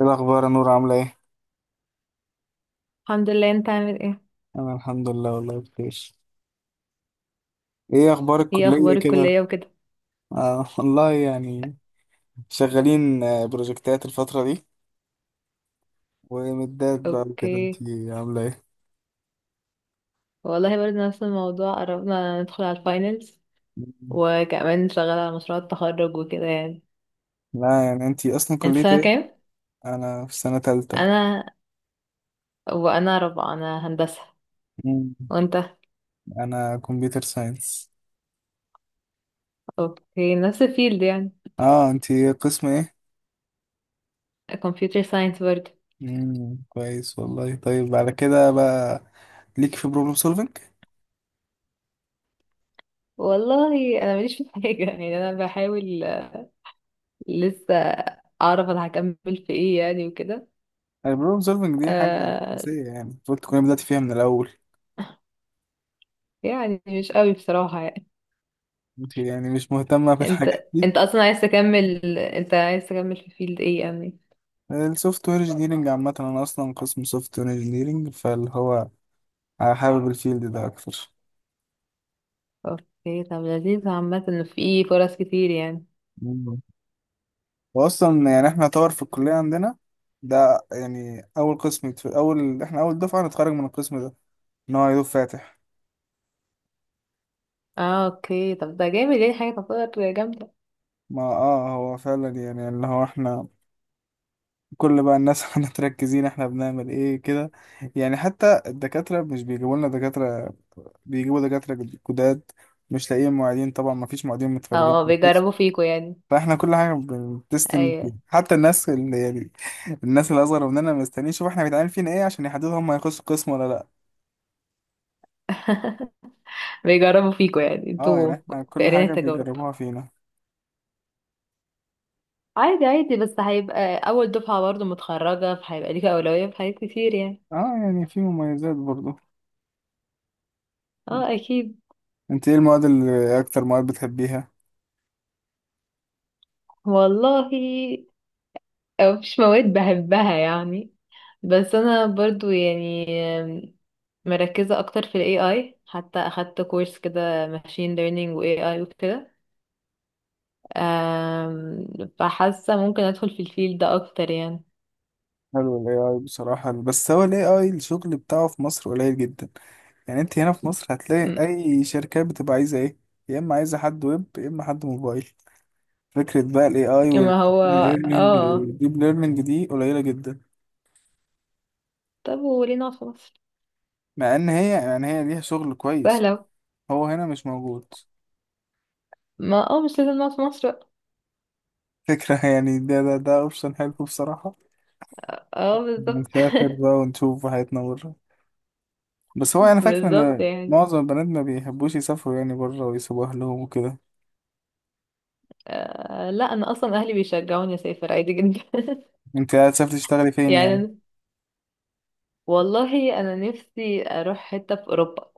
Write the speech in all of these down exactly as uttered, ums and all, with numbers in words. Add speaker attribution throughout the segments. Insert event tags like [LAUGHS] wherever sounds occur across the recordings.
Speaker 1: ايه الاخبار يا نور؟ عامله ايه؟
Speaker 2: الحمد لله. انت عامل ايه؟
Speaker 1: انا الحمد لله والله بخير. ايه اخبار
Speaker 2: ايه
Speaker 1: الكليه
Speaker 2: اخبار
Speaker 1: كده؟
Speaker 2: الكلية وكده.
Speaker 1: آه والله يعني شغالين، آه، بروجكتات الفتره دي ومدات بقى وكده. انت
Speaker 2: اوكي.
Speaker 1: عامله ايه؟
Speaker 2: والله برضه نفس الموضوع، قربنا ندخل على الفاينلز،
Speaker 1: مم.
Speaker 2: وكمان شغالة على مشروع التخرج وكده يعني.
Speaker 1: لا يعني انت اصلا
Speaker 2: انت
Speaker 1: كليه
Speaker 2: سنة
Speaker 1: ايه؟
Speaker 2: كام؟
Speaker 1: انا في سنه تالتة.
Speaker 2: انا وانا رابعة، انا هندسة.
Speaker 1: مم.
Speaker 2: وانت؟
Speaker 1: انا كمبيوتر ساينس.
Speaker 2: اوكي، نفس الفيلد يعني.
Speaker 1: اه، انت قسم ايه؟
Speaker 2: كمبيوتر ساينس برضه.
Speaker 1: مم. كويس والله. طيب على كده بقى ليك في بروبلم سولفنج؟
Speaker 2: والله انا ماليش في حاجة [LAUGHS] يعني انا بحاول، آه، لسه اعرف انا هكمل في ايه يعني وكده.
Speaker 1: البروبلم سولفنج دي حاجه
Speaker 2: آه،
Speaker 1: اساسيه، يعني المفروض تكوني بدأتي فيها من الاول.
Speaker 2: يعني مش قوي بصراحة.
Speaker 1: انت يعني مش مهتمة بالحاجات
Speaker 2: انت
Speaker 1: دي؟
Speaker 2: انت اصلا عايز تكمل، انت عايز تكمل في فيلد ايه يعني؟
Speaker 1: السوفت وير انجينيرنج عامة، انا اصلا قسم سوفت وير انجينيرنج، فاللي هو حابب الفيلد ده اكتر.
Speaker 2: اوكي، طب لذيذ عامة انه في فرص كتير يعني.
Speaker 1: مم. واصلا يعني احنا طور في الكلية عندنا، ده يعني اول قسم يتف... اول احنا اول دفعة نتخرج من القسم ده، ان هو يدوب فاتح.
Speaker 2: اه اوكي، طب ده جامد يعني، حاجة تعتبر جامدة.
Speaker 1: ما اه هو فعلا يعني اللي هو احنا كل بقى الناس [LAUGHS] احنا متركزين، احنا بنعمل ايه كده. يعني حتى الدكاترة مش بيجيبوا لنا دكاترة، بيجيبوا دكاترة جداد. مش لاقيين معيدين طبعا، ما فيش معيدين
Speaker 2: اه
Speaker 1: متخرجين.
Speaker 2: بيجربوا فيكوا يعني.
Speaker 1: فاحنا كل حاجه بتستنج فيها.
Speaker 2: ايوه.
Speaker 1: حتى الناس اللي يعني الناس اللي اصغر مننا مستنيين يشوفوا احنا بيتعمل فينا ايه عشان يحددوا هم هيخشوا قسم ولا لا.
Speaker 2: [LAUGHS] بيجربوا فيكوا يعني
Speaker 1: اه
Speaker 2: انتوا،
Speaker 1: يعني احنا
Speaker 2: في
Speaker 1: كل
Speaker 2: قرينا
Speaker 1: حاجه
Speaker 2: التجارب.
Speaker 1: بيجربوها فينا.
Speaker 2: عادي عادي، بس هيبقى اول دفعة برضو متخرجة، فهيبقى ليك اولوية في حاجات كتير يعني.
Speaker 1: اه يعني في مميزات برضو.
Speaker 2: اه اكيد.
Speaker 1: انت ايه المواد اللي اكتر مواد بتحبيها؟
Speaker 2: والله آه، مفيش مواد بحبها يعني، بس انا برضو يعني مركزة أكتر في ال A I، حتى أخدت كورس كده ماشين ليرنينج و إيه آي وكده. أم، فحاسة ممكن أدخل في الفيلد ده أكتر يعني.
Speaker 1: حلو الاي اي بصراحه، بس هو الاي اي الشغل بتاعه في مصر قليل جدا. يعني انت هنا في مصر هتلاقي
Speaker 2: م-
Speaker 1: اي شركات بتبقى عايزه ايه؟ يا اما عايزه حد ويب، يا اما حد موبايل. فكره بقى الاي اي
Speaker 2: ما هو اه،
Speaker 1: والديب ليرنينج دي قليله جدا.
Speaker 2: طب وليه نقعد في مصر؟
Speaker 1: مع ان هي يعني هي ليها شغل كويس،
Speaker 2: سهلة.
Speaker 1: هو هنا مش موجود.
Speaker 2: ما اه، مش لازم نقعد في مصر بقى.
Speaker 1: فكرة [LAUGHS] يعني ده ده ده اوبشن حلو بصراحة.
Speaker 2: اه بالظبط.
Speaker 1: نسافر بقى ونشوف حياتنا بره. بس
Speaker 2: [LAUGHS]
Speaker 1: هو انا فاكر
Speaker 2: بالظبط
Speaker 1: ان
Speaker 2: يعني.
Speaker 1: معظم البنات ما بيحبوش يسافروا يعني بره، ويسيبوا اهلهم وكده.
Speaker 2: آه لا، انا اصلا اهلي بيشجعوني اسافر عادي جدا [LAUGHS]
Speaker 1: انت قاعد تسافر تشتغلي فين
Speaker 2: يعني
Speaker 1: يعني؟
Speaker 2: أنا- والله انا نفسي اروح حتة في اوروبا،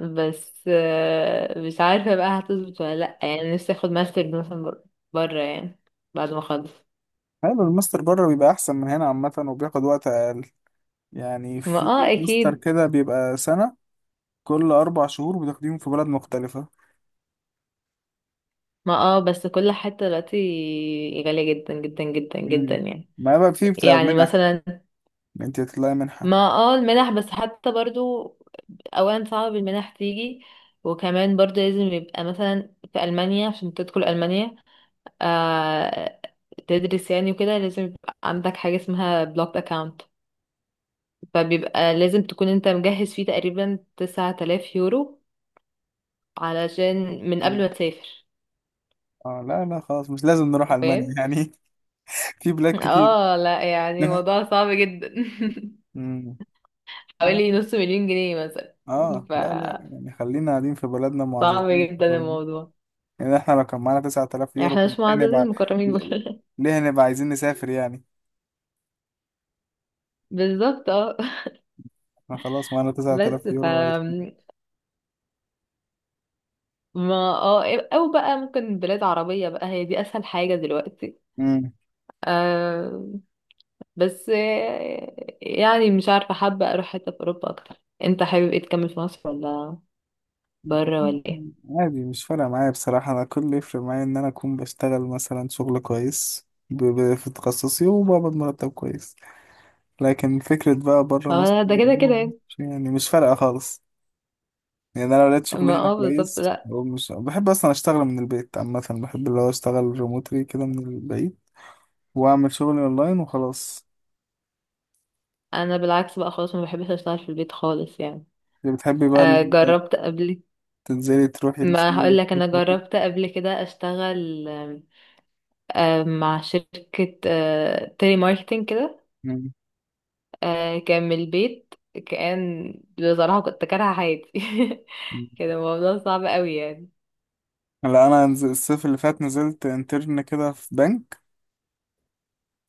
Speaker 2: بس آه، مش عارفة بقى هتظبط ولا لأ، يعني نفسي اخد ماستر مثلا بر- برا يعني، بعد ما اخلص.
Speaker 1: حلو، الماستر بره بيبقى احسن من هنا عامة، وبياخد وقت اقل. يعني
Speaker 2: ما
Speaker 1: في
Speaker 2: اه
Speaker 1: ماستر
Speaker 2: اكيد.
Speaker 1: كده بيبقى سنة، كل اربع شهور بتاخديهم في بلد مختلفة.
Speaker 2: ما اه بس كل حتة دلوقتي غالية جدا جدا جدا جدا
Speaker 1: مم.
Speaker 2: يعني.
Speaker 1: ما بقى في بتاع
Speaker 2: يعني
Speaker 1: منح،
Speaker 2: مثلا،
Speaker 1: انت تطلعي
Speaker 2: ما
Speaker 1: منحة.
Speaker 2: اه المنح بس حتى برضو، اولا صعب المنح تيجي، وكمان برضو لازم يبقى مثلا في ألمانيا، عشان تدخل ألمانيا آه تدرس يعني وكده لازم يبقى عندك حاجة اسمها بلوك account، فبيبقى لازم تكون انت مجهز فيه تقريبا تسعة آلاف يورو، علشان، من قبل ما تسافر.
Speaker 1: اه لا لا خلاص، مش لازم نروح ألمانيا
Speaker 2: فاهم.
Speaker 1: يعني. [LAUGHS] في بلاد كتير.
Speaker 2: اه لا
Speaker 1: [LAUGHS]
Speaker 2: يعني موضوع صعب جدا.
Speaker 1: مم.
Speaker 2: [LAUGHS]
Speaker 1: لا
Speaker 2: حوالي نص مليون جنيه مثلا.
Speaker 1: اه
Speaker 2: ف
Speaker 1: لا لا يعني خلينا قاعدين في بلدنا،
Speaker 2: صعب
Speaker 1: معززين في
Speaker 2: جدا
Speaker 1: بلدنا.
Speaker 2: الموضوع.
Speaker 1: يعني احنا لو كان معانا 9000 يورو
Speaker 2: احنا
Speaker 1: كنا
Speaker 2: مش
Speaker 1: ليه
Speaker 2: معددين
Speaker 1: هنبقى
Speaker 2: المكرمين بره.
Speaker 1: ليه هنبقى عايزين نسافر يعني.
Speaker 2: [LAUGHS] بالظبط اه.
Speaker 1: احنا خلاص معانا
Speaker 2: بس
Speaker 1: 9000
Speaker 2: ف
Speaker 1: يورو عايزين.
Speaker 2: ما اه او بقى ممكن بلاد عربية بقى، هي دي اسهل حاجة دلوقتي.
Speaker 1: مم.
Speaker 2: آه، بس آه، يعني مش عارفة، حابة أروح حتة في أوروبا أكتر. أنت حابب إيه، تكمل في مصر ولا بره ولا إيه؟
Speaker 1: عادي، مش فارقة معايا بصراحة. أنا كل اللي يفرق معايا إن أنا أكون بشتغل مثلا شغل كويس ب- ب- في تخصصي وبقبض مرتب كويس، لكن فكرة بقى بره مصر
Speaker 2: هو ده كده كده يعني.
Speaker 1: يعني مش فارقة خالص. يعني انا لو لقيت شغل
Speaker 2: ما
Speaker 1: هنا
Speaker 2: اه بالظبط،
Speaker 1: كويس،
Speaker 2: لأ.
Speaker 1: هو مش بحب اصلا اشتغل من البيت عامه، بحب اللي هو اشتغل ريموتلي كده من البيت واعمل شغلي اونلاين وخلاص.
Speaker 2: أنا بالعكس بقى خالص، ما بحبش أشتغل في البيت خالص يعني.
Speaker 1: اللي بتحبي بقى اللي
Speaker 2: آه
Speaker 1: انت
Speaker 2: جربت قبل.
Speaker 1: تنزلي تروحي
Speaker 2: ما
Speaker 1: الشغل
Speaker 2: هقول لك،
Speaker 1: وتروحي
Speaker 2: أنا
Speaker 1: وكده.
Speaker 2: جربت قبل كده أشتغل، آم، آم، مع شركة آه تيلي ماركتينج كده.
Speaker 1: مم.
Speaker 2: آه كان من البيت. كان، بصراحة كنت كارهة حياتي [LAUGHS] كده الموضوع صعب قوي
Speaker 1: لا انا نز- الصيف اللي فات نزلت انترن كده في بنك.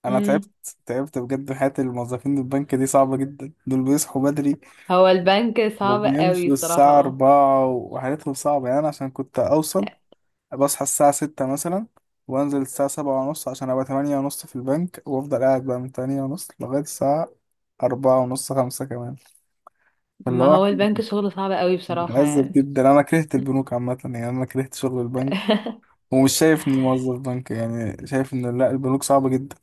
Speaker 1: انا
Speaker 2: يعني.
Speaker 1: تعبت تعبت بجد. حياة الموظفين البنك دي صعبة جدا، دول بيصحوا بدري
Speaker 2: هو البنك صعب قوي
Speaker 1: وبيمشوا
Speaker 2: صراحة،
Speaker 1: الساعة
Speaker 2: اه.
Speaker 1: أربعة وحياتهم صعبة. يعني أنا عشان كنت اوصل بصحى الساعة ستة مثلا، وأنزل الساعة سبعة ونص عشان أبقى تمانية ونص في البنك، وأفضل قاعد بقى من تمانية ونص لغاية الساعة أربعة ونص خمسة كمان. فاللي
Speaker 2: ما
Speaker 1: هو
Speaker 2: هو البنك شغله صعب قوي بصراحة
Speaker 1: متعذب
Speaker 2: يعني.
Speaker 1: جدا. أنا كرهت البنوك عامة يعني، أنا كرهت شغل البنك،
Speaker 2: [LAUGHS]
Speaker 1: ومش شايف إني موظف بنك. يعني شايف إن لأ، البنوك صعبة جدا.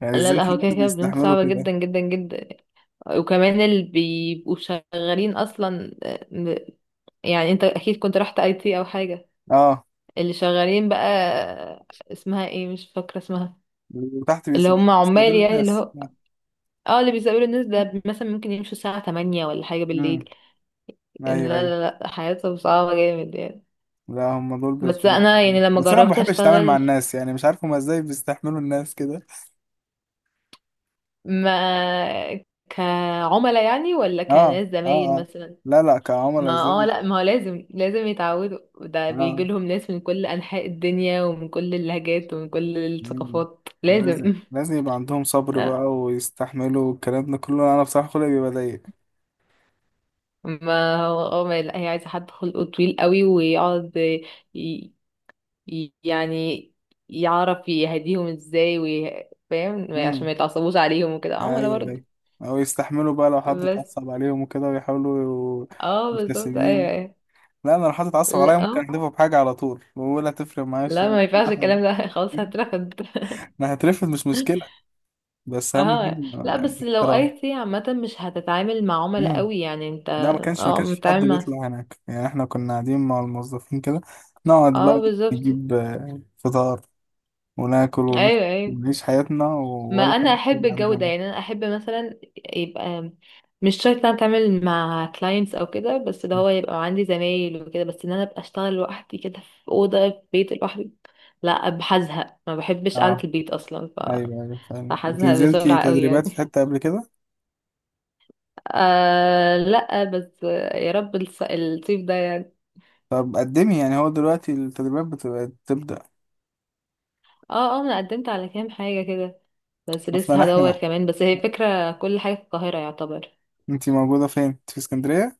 Speaker 1: يعني
Speaker 2: لا
Speaker 1: إزاي
Speaker 2: لا،
Speaker 1: في
Speaker 2: هو كده
Speaker 1: ناس
Speaker 2: كده البنوك
Speaker 1: بيستحملوا
Speaker 2: صعبة
Speaker 1: كده؟
Speaker 2: جدا جدا جدا، وكمان اللي بيبقوا شغالين اصلا آه، يعني انت اكيد كنت رحت اي تي او حاجة.
Speaker 1: أه.
Speaker 2: اللي شغالين بقى آه، اسمها ايه، مش فاكرة اسمها.
Speaker 1: وتحت
Speaker 2: اللي
Speaker 1: بيس-
Speaker 2: هم عمال
Speaker 1: بيستقبلوا
Speaker 2: يعني، اللي
Speaker 1: الناس.
Speaker 2: هو اه اللي بيسألوا الناس ده، مثلا ممكن يمشوا الساعة ثمانية ولا حاجة
Speaker 1: امم،
Speaker 2: بالليل. إن
Speaker 1: أيوه
Speaker 2: لا لا
Speaker 1: أيوه.
Speaker 2: لا، حياتهم صعبة جامد يعني.
Speaker 1: لا هم دول بيس-
Speaker 2: بس انا يعني لما
Speaker 1: بس أنا ما
Speaker 2: جربت
Speaker 1: بحبش أتعامل مع
Speaker 2: اشتغل.
Speaker 1: الناس. يعني مش عارف هما إزاي بيستحملوا الناس كده.
Speaker 2: ما كعملاء يعني ولا
Speaker 1: اه
Speaker 2: كناس
Speaker 1: اه
Speaker 2: زمايل
Speaker 1: اه،
Speaker 2: مثلا.
Speaker 1: لا لا
Speaker 2: ما
Speaker 1: كعملاء
Speaker 2: اه
Speaker 1: زي.
Speaker 2: لا، ما هو لازم لازم يتعودوا، ده بيجي
Speaker 1: اه.
Speaker 2: لهم ناس من كل انحاء الدنيا ومن كل اللهجات ومن كل
Speaker 1: مم.
Speaker 2: الثقافات، لازم
Speaker 1: لازم
Speaker 2: [LAUGHS]
Speaker 1: لازم يبقى عندهم صبر بقى
Speaker 2: آه،
Speaker 1: ويستحملوا الكلام ده كله. انا بصراحة خلقي بيبقى ضيق.
Speaker 2: ما هو اه ما لا، هي عايزه حد خلقه طويل قوي ويقعد ي... ي- يعني يعرف يهديهم ازاي، وي... فاهم، عشان ما
Speaker 1: امم،
Speaker 2: يتعصبوش عليهم وكده، عملاء
Speaker 1: ايوه
Speaker 2: برضه.
Speaker 1: ايوه. او يستحملوا بقى لو حد
Speaker 2: بس
Speaker 1: اتعصب عليهم وكده، ويحاولوا
Speaker 2: اه بالظبط، ايوه
Speaker 1: مبتسمين.
Speaker 2: ايوه.
Speaker 1: لا انا لو حد اتعصب
Speaker 2: لا
Speaker 1: عليا ممكن
Speaker 2: آه.
Speaker 1: احدفه بحاجة على طول، ولا تفرق معايا
Speaker 2: لا
Speaker 1: الشغل [LAUGHS]
Speaker 2: ما ينفعش
Speaker 1: ولا حاجة.
Speaker 2: الكلام ده [LAUGHS] خلاص هترفض.
Speaker 1: انا هترفض مش مشكلة، بس اهم
Speaker 2: اه لا،
Speaker 1: حاجة
Speaker 2: بس لو
Speaker 1: الاحترام.
Speaker 2: اي تي عامة مش هتتعامل مع عملاء
Speaker 1: مم.
Speaker 2: قوي يعني انت.
Speaker 1: لا ما كانش ما
Speaker 2: اه
Speaker 1: كانش في حد
Speaker 2: متعامل مع.
Speaker 1: بيطلع هناك يعني، احنا كنا قاعدين مع الموظفين كده، نقعد
Speaker 2: اه
Speaker 1: بقى
Speaker 2: بالظبط،
Speaker 1: نجيب آه، فطار وناكل ونف-
Speaker 2: ايوه ايوه.
Speaker 1: ونعيش حياتنا
Speaker 2: ما
Speaker 1: ولا
Speaker 2: انا
Speaker 1: حد
Speaker 2: احب
Speaker 1: يجي
Speaker 2: الجو
Speaker 1: عندنا.
Speaker 2: ده يعني، انا احب مثلا يبقى مش شرط انا اتعامل مع كلاينتس او كده، بس ده هو يبقى عندي زمايل وكده، بس ان انا ابقى اشتغل لوحدي كده في اوضه في بيت لوحدي لا، هزهق، ما بحبش قعده
Speaker 1: اه
Speaker 2: البيت اصلا. ف-
Speaker 1: ايوه ايوه. فعلا انت
Speaker 2: فهزهق
Speaker 1: نزلتي
Speaker 2: بسرعه قوي يعني.
Speaker 1: تدريبات في حتة قبل كده؟
Speaker 2: آه لا بس، يا رب الص- الصيف ده يعني.
Speaker 1: طب قدمي. يعني هو دلوقتي التدريبات بتبقى تبدأ.
Speaker 2: اه اه انا قدمت على كام حاجة كده، بس
Speaker 1: اصلا
Speaker 2: لسه هدور
Speaker 1: احنا،
Speaker 2: كمان، بس هي فكرة كل حاجة في القاهرة يعتبر.
Speaker 1: انت موجودة فين؟ انت في اسكندرية؟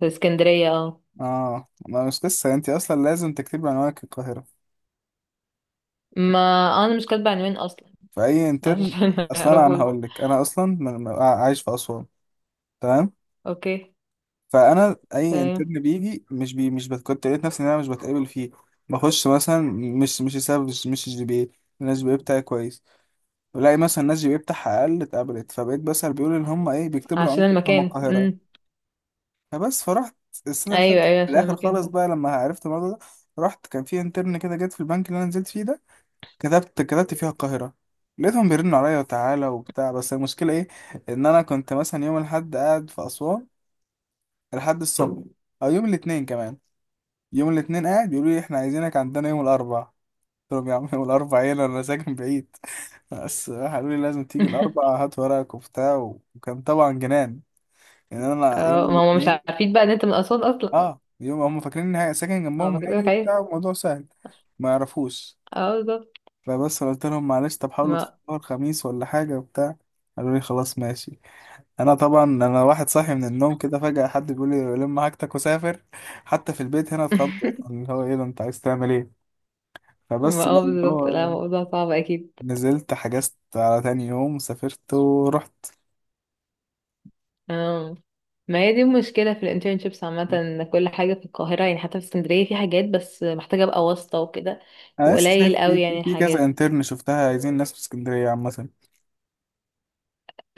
Speaker 2: في اسكندرية اه.
Speaker 1: اه ما مش لسه انت اصلا لازم تكتبي عنوانك القاهرة
Speaker 2: ما آه، انا مش كاتبة عنوان اصلا،
Speaker 1: في اي انترن.
Speaker 2: عشان [LAUGHS] ما
Speaker 1: اصلا انا
Speaker 2: يعرفوش.
Speaker 1: هقول لك، انا اصلا من- من- عايش في اسوان. تمام؟
Speaker 2: اوكي.
Speaker 1: فانا اي
Speaker 2: تمام.
Speaker 1: انترن بيجي مش بي، مش بت... كنت لقيت نفسي ان انا مش بتقابل فيه. بخش مثلا، مش مش سبب، مش مش جي بي اي، انا الجي بي اي بتاعي كويس. بلاقي مثلا الناس جي بي اي بتاعها اقل اتقبلت، فبقيت بسأل. بيقولوا ان هم ايه بيكتبوا العنوان
Speaker 2: عشان
Speaker 1: بتاعهم
Speaker 2: المكان. امم
Speaker 1: القاهرة. فبس فرحت السنة اللي
Speaker 2: ايوه
Speaker 1: فاتت
Speaker 2: ايوه،
Speaker 1: في
Speaker 2: عشان
Speaker 1: الاخر خالص
Speaker 2: المكان.
Speaker 1: بقى لما عرفت الموضوع ده. رحت، كان في انترن كده جت في البنك اللي انا نزلت فيه ده، كتبت كتبت فيها القاهرة، لقيتهم بيرنوا عليا وتعالى وبتاع. بس المشكلة ايه، ان انا كنت مثلا يوم الاحد قاعد في اسوان لحد الصبح، او يوم الاثنين كمان. يوم الاثنين قاعد بيقولوا لي احنا عايزينك عندنا يوم الاربعاء. قلت لهم يا عم يوم الاربعاء ايه، انا أنا ساكن بعيد. [LAUGHS] بس قالوا لي لازم تيجي
Speaker 2: [LAUGHS]
Speaker 1: الاربعاء هات ورقك وبتاع و- وكان طبعا جنان. يعني انا يوم
Speaker 2: اه ما هم مش
Speaker 1: الاثنين.
Speaker 2: عارفين بقى ان انت من اسوان اصلا.
Speaker 1: اه، يوم هم فاكرين اني ه- ساكن
Speaker 2: هو
Speaker 1: جنبهم،
Speaker 2: كده
Speaker 1: هاجي
Speaker 2: لك
Speaker 1: وبتاع،
Speaker 2: ايه.
Speaker 1: الموضوع سهل، ما يعرفوش.
Speaker 2: اه بالظبط.
Speaker 1: فبس قلت لهم معلش طب حاولوا
Speaker 2: ما
Speaker 1: تفطروا الخميس ولا حاجه وبتاع. قالوا لي خلاص ماشي. انا طبعا انا واحد صاحي من النوم كده فجأة حد بيقول لي لم حاجتك وسافر. حتى في البيت هنا اتخض،
Speaker 2: [LAUGHS]
Speaker 1: اللي هو ايه ده انت عايز تعمل ايه. فبس
Speaker 2: ما
Speaker 1: بقى
Speaker 2: اه
Speaker 1: اللي
Speaker 2: بالظبط، لا
Speaker 1: هو
Speaker 2: موضوع صعب اكيد.
Speaker 1: نزلت حجزت على تاني يوم سافرت ورحت.
Speaker 2: اه ما هي دي المشكلة في الانترنشيبس عامة، ان كل حاجة في القاهرة يعني، حتى في اسكندرية في حاجات بس محتاجة ابقى واسطة وكده.
Speaker 1: انا لسه شايف
Speaker 2: وقليل قوي
Speaker 1: في في
Speaker 2: يعني
Speaker 1: في كذا
Speaker 2: الحاجات،
Speaker 1: انترن شفتها عايزين ناس في اسكندريه عامه.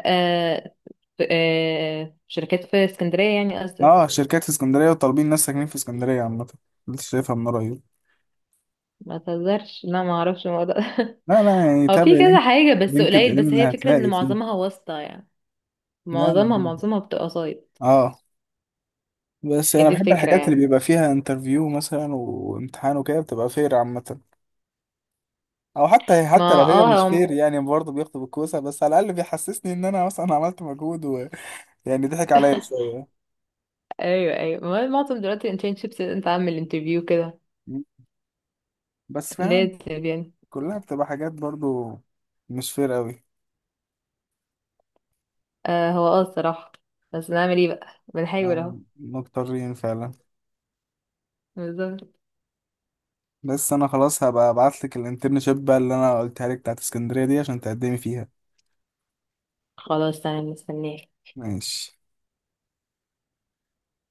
Speaker 2: آه في- آه شركات في اسكندرية يعني قصدك؟
Speaker 1: اه شركات في اسكندريه وطالبين ناس ساكنين في اسكندريه عامه، لسه شايفها من قريب.
Speaker 2: ما تهزرش، لا ما اعرفش الموضوع ده
Speaker 1: لا لا يعني
Speaker 2: [LAUGHS] هو
Speaker 1: تابع
Speaker 2: في كذا
Speaker 1: لينك،
Speaker 2: حاجة، بس
Speaker 1: لينكد
Speaker 2: قليل، بس
Speaker 1: ان
Speaker 2: هي فكرة ان
Speaker 1: هتلاقي فيه.
Speaker 2: معظمها واسطة يعني.
Speaker 1: لا
Speaker 2: معظمها
Speaker 1: يعني-
Speaker 2: معظمها بتبقى سايط.
Speaker 1: اه. بس
Speaker 2: هي
Speaker 1: انا
Speaker 2: دي
Speaker 1: بحب
Speaker 2: الفكرة
Speaker 1: الحاجات اللي
Speaker 2: يعني.
Speaker 1: بيبقى فيها انترفيو مثلا وامتحان وكده، بتبقى فير عامه. او حتى حتى لو
Speaker 2: ما
Speaker 1: هي مش
Speaker 2: اه هم...
Speaker 1: فير يعني برضه بياخدوا بالكوسه، بس على الاقل بيحسسني ان انا مثلا عملت مجهود. يعني ضحك عليا شوية.
Speaker 2: ايوه ايوه، ما هو معظم دلوقتي الانترنشيبس انت عامل انترفيو كده،
Speaker 1: مم. بس فاهم
Speaker 2: لازم يعني.
Speaker 1: كلها بتبقى حاجات برضو مش فير قوي.
Speaker 2: آه هو اه الصراحة، بس نعمل ايه بقى، بنحاول اهو.
Speaker 1: آه، مضطرين فعلا.
Speaker 2: بالظبط.
Speaker 1: بس انا خلاص هبقى ابعت لك الانترنشيب بقى اللي انا قلتها لك بتاعت اسكندرية دي عشان تقدمي فيها.
Speaker 2: خلاص تمام مستنيه.
Speaker 1: ماشي.